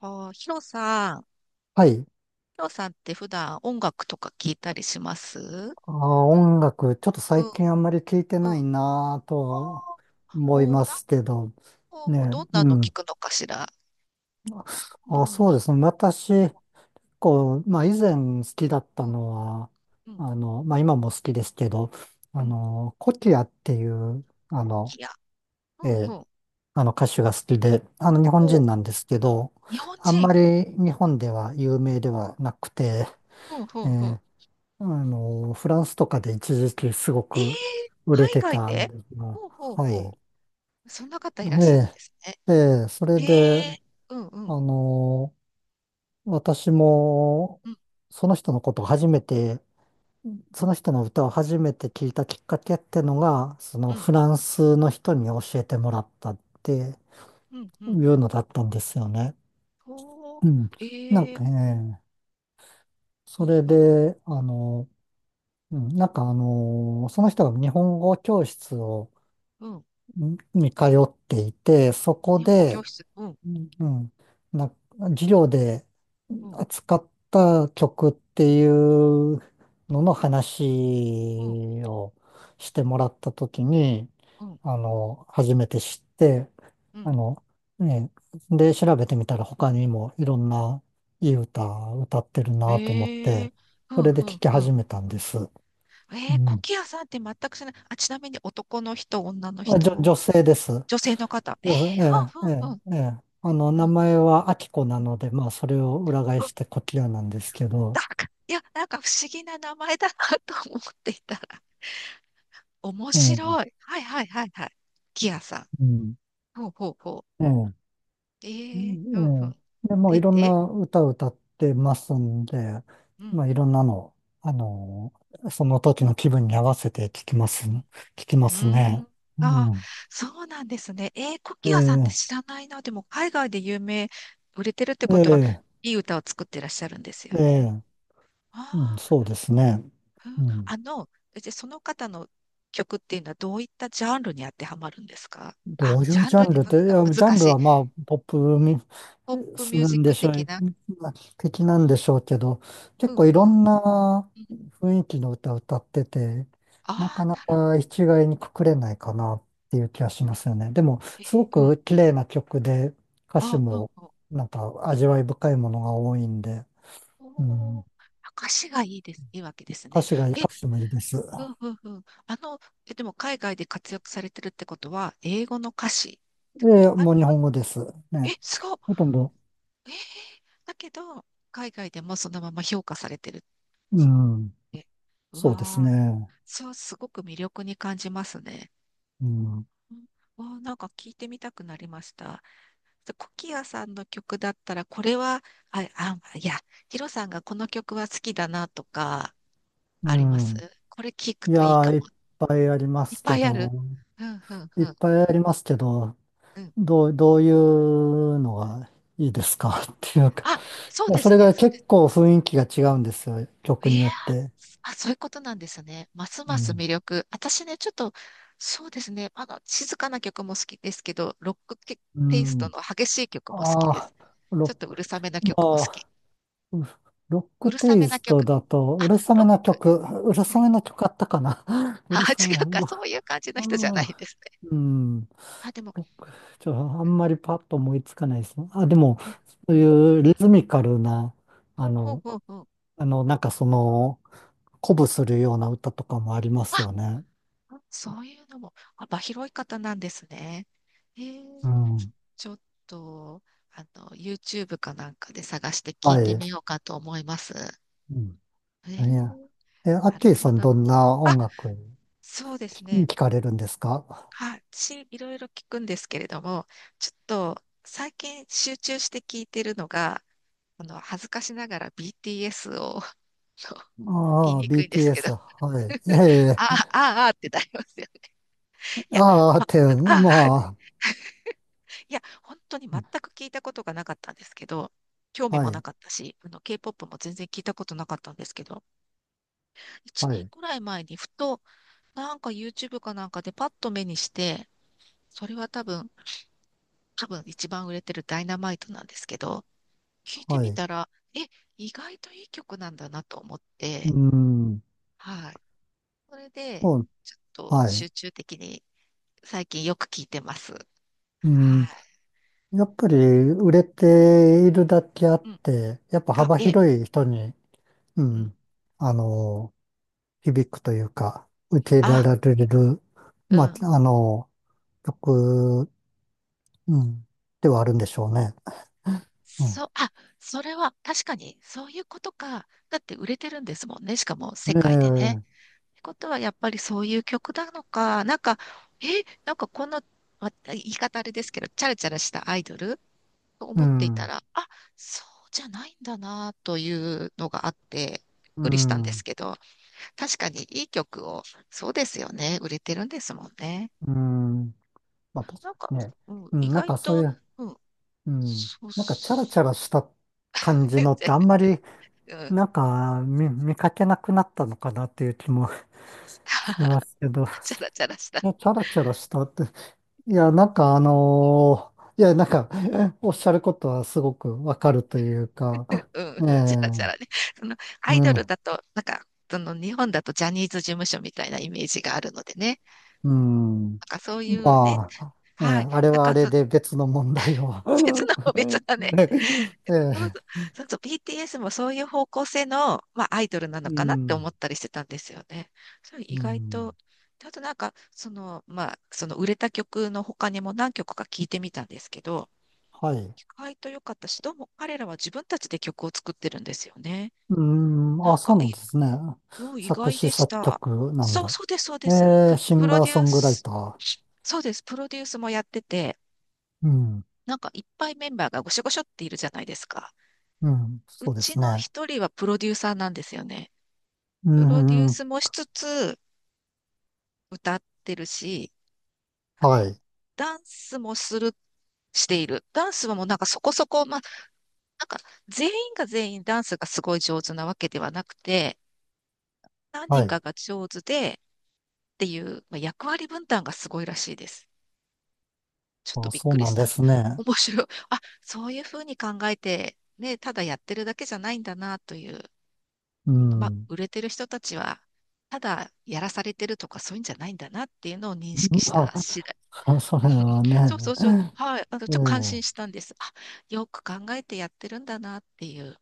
ああ、ヒロさん、ヒはい。ロさんって普段音楽とか聞いたりします？うん、あー、音楽、ちょっと最近あんまり聞いてうん。あないなぁとあ、思いおー、ますけど、なんか、ね、どんなうの聞ん。くのかしら。あ、どんそうな、ですね。私、こう、まあ以前好きだっうたん、のは、うん、まあ今も好きですけど、うん。コキアっていう、トキや、えうん、ーうん。あの歌手が好きで、あの日本お、人なんですけど、日本あんま人。り日本では有名ではなくて、うん、うえん、うーん。あの、フランスとかで一時期すごええ、く売れ海て外たんで。ですが、ほうほうはい。ほう。そんな方いらっえしゃるんですね。え、ええ、それえで、え、うん、うん、あの、私も、うん、その人のことを初めて、その人の歌を初めて聞いたきっかけってのが、そうのん、フランスの人に教えてもらったってうん、ういん。うのだったんですよね。ほうん。なんう、ええ、かね、うそん、れうん、で、うん、その人が日本語教室を、うん。に通っていて、そこ日本語教で、室。うん、うん、な、授業でうん、扱った曲っていうののうん。話をしてもらったときに、うん、あの、初めて知って、うあん。の、ね、で、調べてみたら他にもいろんないい歌歌ってるなと思っえて、え、ふそんれでふん聴きふん。始めたんです。うええ、コん。キアさんって全くしない。あ、ちなみに男の人、女のあ、人？女性です。そ女性の方。ええ、うですふんふええ、んええ、ふん。ええ。あの、うん、名うん、前はアキコなうん。ので、まあ、それを裏返してコキアなんですけだど、んから、いや、なんか不思議な名前だな と思っていたら。面うん、白い。はいはいはいはい。コキアさん。うん、ほうほうほええ、う。うええ、ふんふんえん。え。で、もう出いろんて。な歌を歌ってますんで、うまん。あ、いろんなの、あの、その時の気分に合わせて聞きまうすーね。ん。うああ、ん、そうなんですね。えー、コえキアさんってえ、知らないな。でも、海外で有名、売れてるってえことは、え、いい歌を作ってらっしゃるんですよえね。え、うん、あそうですね。あ、ううん、んあの、じゃあその方の曲っていうのはどういったジャンルに当てはまるんですか？あどうの、いジうャンジャルンでルっわて、けいがや、ジャ難ンルしい。はまあ、ポップミポップスミューなジッんでクしょ的う、な。的なんでふしょうけど、う結ん、構いうろん。んなうん、雰囲気の歌を歌ってて、なあかあ、ななるほか一概にくくれないかなっていう気がしますよね。でも、ど。えすごー、うん。く綺麗な曲で、歌詞ああ、うん、もうん。なんか味わい深いものが多いんで、うおん、ー、歌詞がいいです、いいわけですね。え、歌詞もいいです。うん、うん、うん。あの、え、でも海外で活躍されてるってことは、英語の歌詞ってこで、とあれもう日あ本語です。ね。え、すごっ、ほとんど、えー、だけど、海外でもそのまま評価されてるっうん、て。うそうですわー、ね。そう、すごく魅力に感じますね。うん、うん、わー、なんか聞いてみたくなりました。でコキアさんの曲だったら、これは、あ、あ、いや、ヒロさんがこの曲は好きだなとか、うあります？んこれ聞くいやといいー、かいっも。ぱいありまいっすけぱいあど、る。うん、うん、いうっん、ぱいありますけど、うん。どういうのがいいですか っていうか、あ、そいうや、でそすれね、がそうです。結構雰囲気が違うんですよ、曲いにやー、よって。あ、そういうことなんですね。ますうますん。魅力。私ね、ちょっと、そうですね、あの、静かな曲も好きですけど、ロックテうテイストん。の激しい曲も好きあであ、す。ロちょっとッうク、るさめなま曲も好き。あ、うロッうクるさテめイなスト曲。だと、あ、うるさロめッなク。曲、うるはさい。めな曲あったかな うあ、る さ違め、うか、ロそういう感じのう人じゃなん。いですね。うんあ、でも、ちょ、あんまりパッと思いつかないですね。あ、でも、うん、そううん。いうリズミカルな、あほんほんの、ほんほう、あの、鼓舞するような歌とかもありますあ、よね。そういうのも、幅広い方なんですね。へえ、うん。ちょっと、あの、YouTube かなんかで探して聞いはてい。みようかと思います。うん。えいや。ー、え、アッなキるーさほんど。どんなあ、音楽そうですね。聞かれるんですかはい、し、いろいろ聞くんですけれども、ちょっと最近集中して聞いてるのが、あの、恥ずかしながら BTS を、あの言いああ、にくいんですけど、BTS。はい。いやい やいああ、ああ、あーってなりますよね。や いや、ああ、っま、て、あー ま いや、本当に全く聞いたことがなかったんですけど、興あ、味はもない。かったし、あの、K-POP も全然聞いたことなかったんですけど、一は年い。くらい前にふと、なんか YouTube かなんかでパッと目にして、それは多分、一番売れてるダイナマイトなんですけど、聞いてはみい。たら、え、意外といい曲なんだなと思っうて、ん。はい。それで、そう。ちょっとは集い。中的に最近よく聞いてます。うはい。ん。やっぱり売れているだけあっうん。うん、て、やっぱあ、幅ええ、広い人に、ううん。ん、あの、響くというか、受け入れあ、られる、うまあ、ん。あの、曲、うん、ではあるんでしょうね。うん。そ、あ、それは確かにそういうことか。だって売れてるんですもんね。しかも世え界でね。え、ってことはやっぱりそういう曲なのか、なんか、え、なんかこんな、言い方あれですけど、チャラチャラしたアイドルとう思っていたん、ら、あ、そうじゃないんだなというのがあって、びっうくりしたんですん、けど、確かにいい曲を、そうですよね、売れてるんですもんね。うん。まあ、確なんかか、にね。うん、う意ん、なん外かそういと、う、うん、うん、そうっなんかチャラチす、ャラした感 じのっ全てあんまり、然、うん、見かけなくなったのかなっていう気もしますけ ど。チャラチャラした。うもうん、チャラチャラしたって。いや、おっしゃることはすごくわかるというか、うん、えうん、チャラチャラえね。そのアイドうルん、だと、なんか、その日本だとジャニーズ事務所みたいなイメージがあるのでね。うん。なんかそういうね、まあ、ええはい。あれだはかあられそで別の問題を。別 の、別なね、えそうそえう、そうそう、BTS もそういう方向性の、まあ、アイドルなうのかなって思ん、ったりしてたんですよね。それ意う外ん、と、あとなんか、その、まあ、その売れた曲の他にも何曲か聞いてみたんですけど、はい。意外と良かったし、どうも彼らは自分たちで曲を作ってるんですよね。うん、なあ、んかそうないんい、ですね。お、意作外詞でし作た。曲なんそう、だ。そうです、そうです。ええプ、シプンロガーデュソーングライス、ター。そうです、プロデュースもやってて、うん、なんかいっぱいメンバーがごしょごしょっているじゃないですか。うん、うそうでちすのね。一人はプロデューサーなんですよね。うプロデューん、うんスもしつつ、歌ってるし、あはの、い。ダンスもする、している。ダンスはもうなんかそこそこ、まあ、なんか全員が全員ダンスがすごい上手なわけではなくて、何は人い。かが上手でっていう、まあ、役割分担がすごいらしいです。ちょっとあ、びっそうくりなしんたでんで、す ね。面白い。あ、そういうふうに考えて、ね、ただやってるだけじゃないんだなという、うまあ、ん。売れてる人たちは、ただやらされてるとかそういうんじゃないんだなっていうのを認識した次第。まあ、それ はそうそね、うそう。はい。あの、ちょっええ、と感心したんです。あ、よく考えてやってるんだなっていう、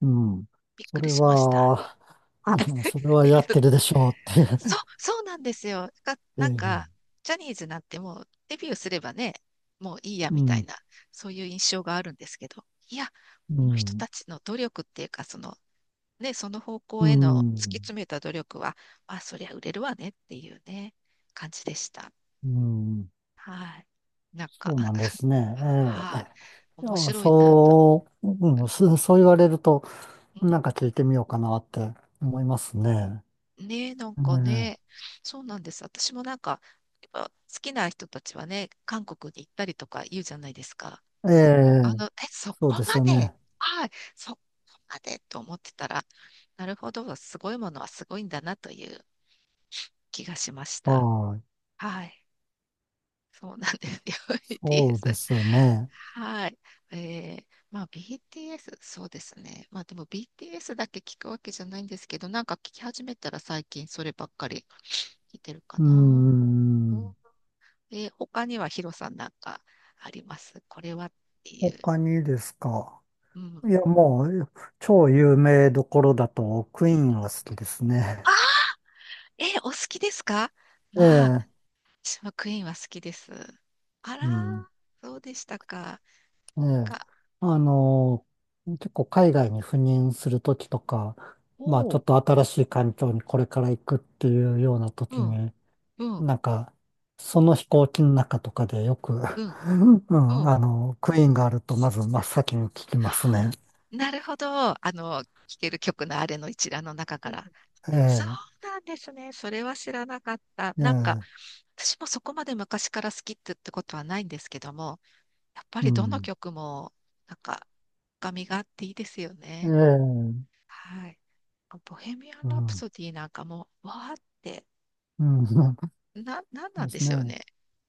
うん。びっそくれりしました。は、あ は それはい。やってるでしょうっていそう、う。そうなんですよ。が、えなんか、え、ジャニーズなんてもうデビューすればね、もういいやうみたいん、な、そういう印象があるんですけど、いや、うこの人ん、たちの努力っていうか、その、ね、その方う向への突きん、詰めた努力は、まあ、そりゃ売れるわねっていうね、感じでした。うん、はい。なんか、そうなんで すね。えはい。え。い面や、白いなと。そう、うん、うん、そう言われると、うん。なんか聞いてみようかなって思いますね。ね、え、なんかねね、そうなんです。私もなんか、やっぱ好きな人たちはね、韓国に行ったりとか言うじゃないですか。ええあえ、の、え、そそうこですまよで、ね。はい、そこまでと思ってたら、なるほど、すごいものはすごいんだなという気がしました。はい。はい、そうなんですよ、そう BTS。ですね。はい。えー、まあ BTS、そうですね。まあでも BTS だけ聞くわけじゃないんですけど、なんか聞き始めたら最近そればっかり聞いてるかうーな。ん。で、他にはヒロさんなんかあります？これはっていう。他にですか。うん。いや、もう、超有名どころだと、クイーンは好きですね。あ、え、お好きですか？えまあ、え、私もクイーンは好きです。あら、うん。そうでしたか。ええ。か、あの、結構海外に赴任するときとか、まあ、ちおょう。っと新しい環境にこれから行くっていうようなとうきん、に、うん、なんか、その飛行機の中とかでよく、うん、ううん、ん。あの、クイーンがあると、まず真っ先に聞きますね。なるほど。あの、聴ける曲のあれの一覧の中から。えそうえ、なんですね。それは知らなかった。えなんか、え、私もそこまで昔から好きって、ってことはないんですけども、やっぱうりどのん。曲も、なんか、深みがあっていいですよね。ええはい。ボヘミアン・うラん。プうん。ソディなんかもう、わーって、な、なんなでんですしょうね。ね。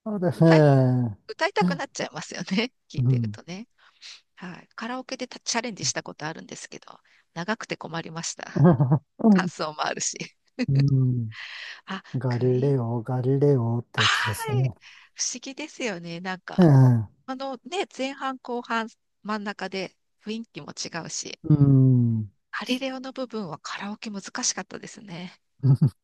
なのです歌い、ね、歌いたくなっちゃいますよね。聞ういてるん。とね。はい。カラオケでたチャレンジしたことあるんですけど、長くて困りました。感想もあるし。うん。あ、ガクイリーレン。オ、ガリレオってやつですはい。ね。不思議ですよね。なんえか、え。あのね、前半後半真ん中で雰囲気も違うし、うん。カリレオの部分はカラオケ難しかったですね。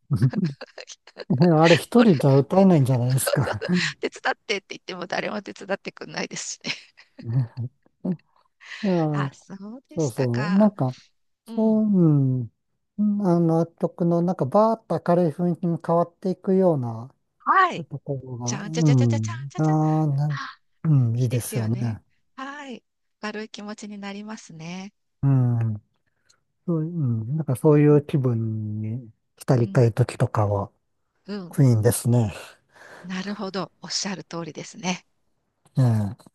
あれ一これ、人じゃ歌えないんじゃ ないでそすうそうか。そう、手伝ってって言っても誰も手伝ってくんないですしね。い あ、や、そうでそうしたそう。なか。んか、うそう、ん。うん。うんあの曲の、なんか、バーッと明るい雰囲気に変わっていくようなはい。ところじが、ゃんじゃうじゃじゃじゃじゃんん。じゃじゃ。ああ、なん、あ、うん、いいいいでですすよよね。ね。はい。軽い気持ちになりますね。うん、そう、うん、なんかそういううん。気分に浸うりたん。い時とかは、うん、クイーンですね。なるほど。おっしゃる通りですね。ええ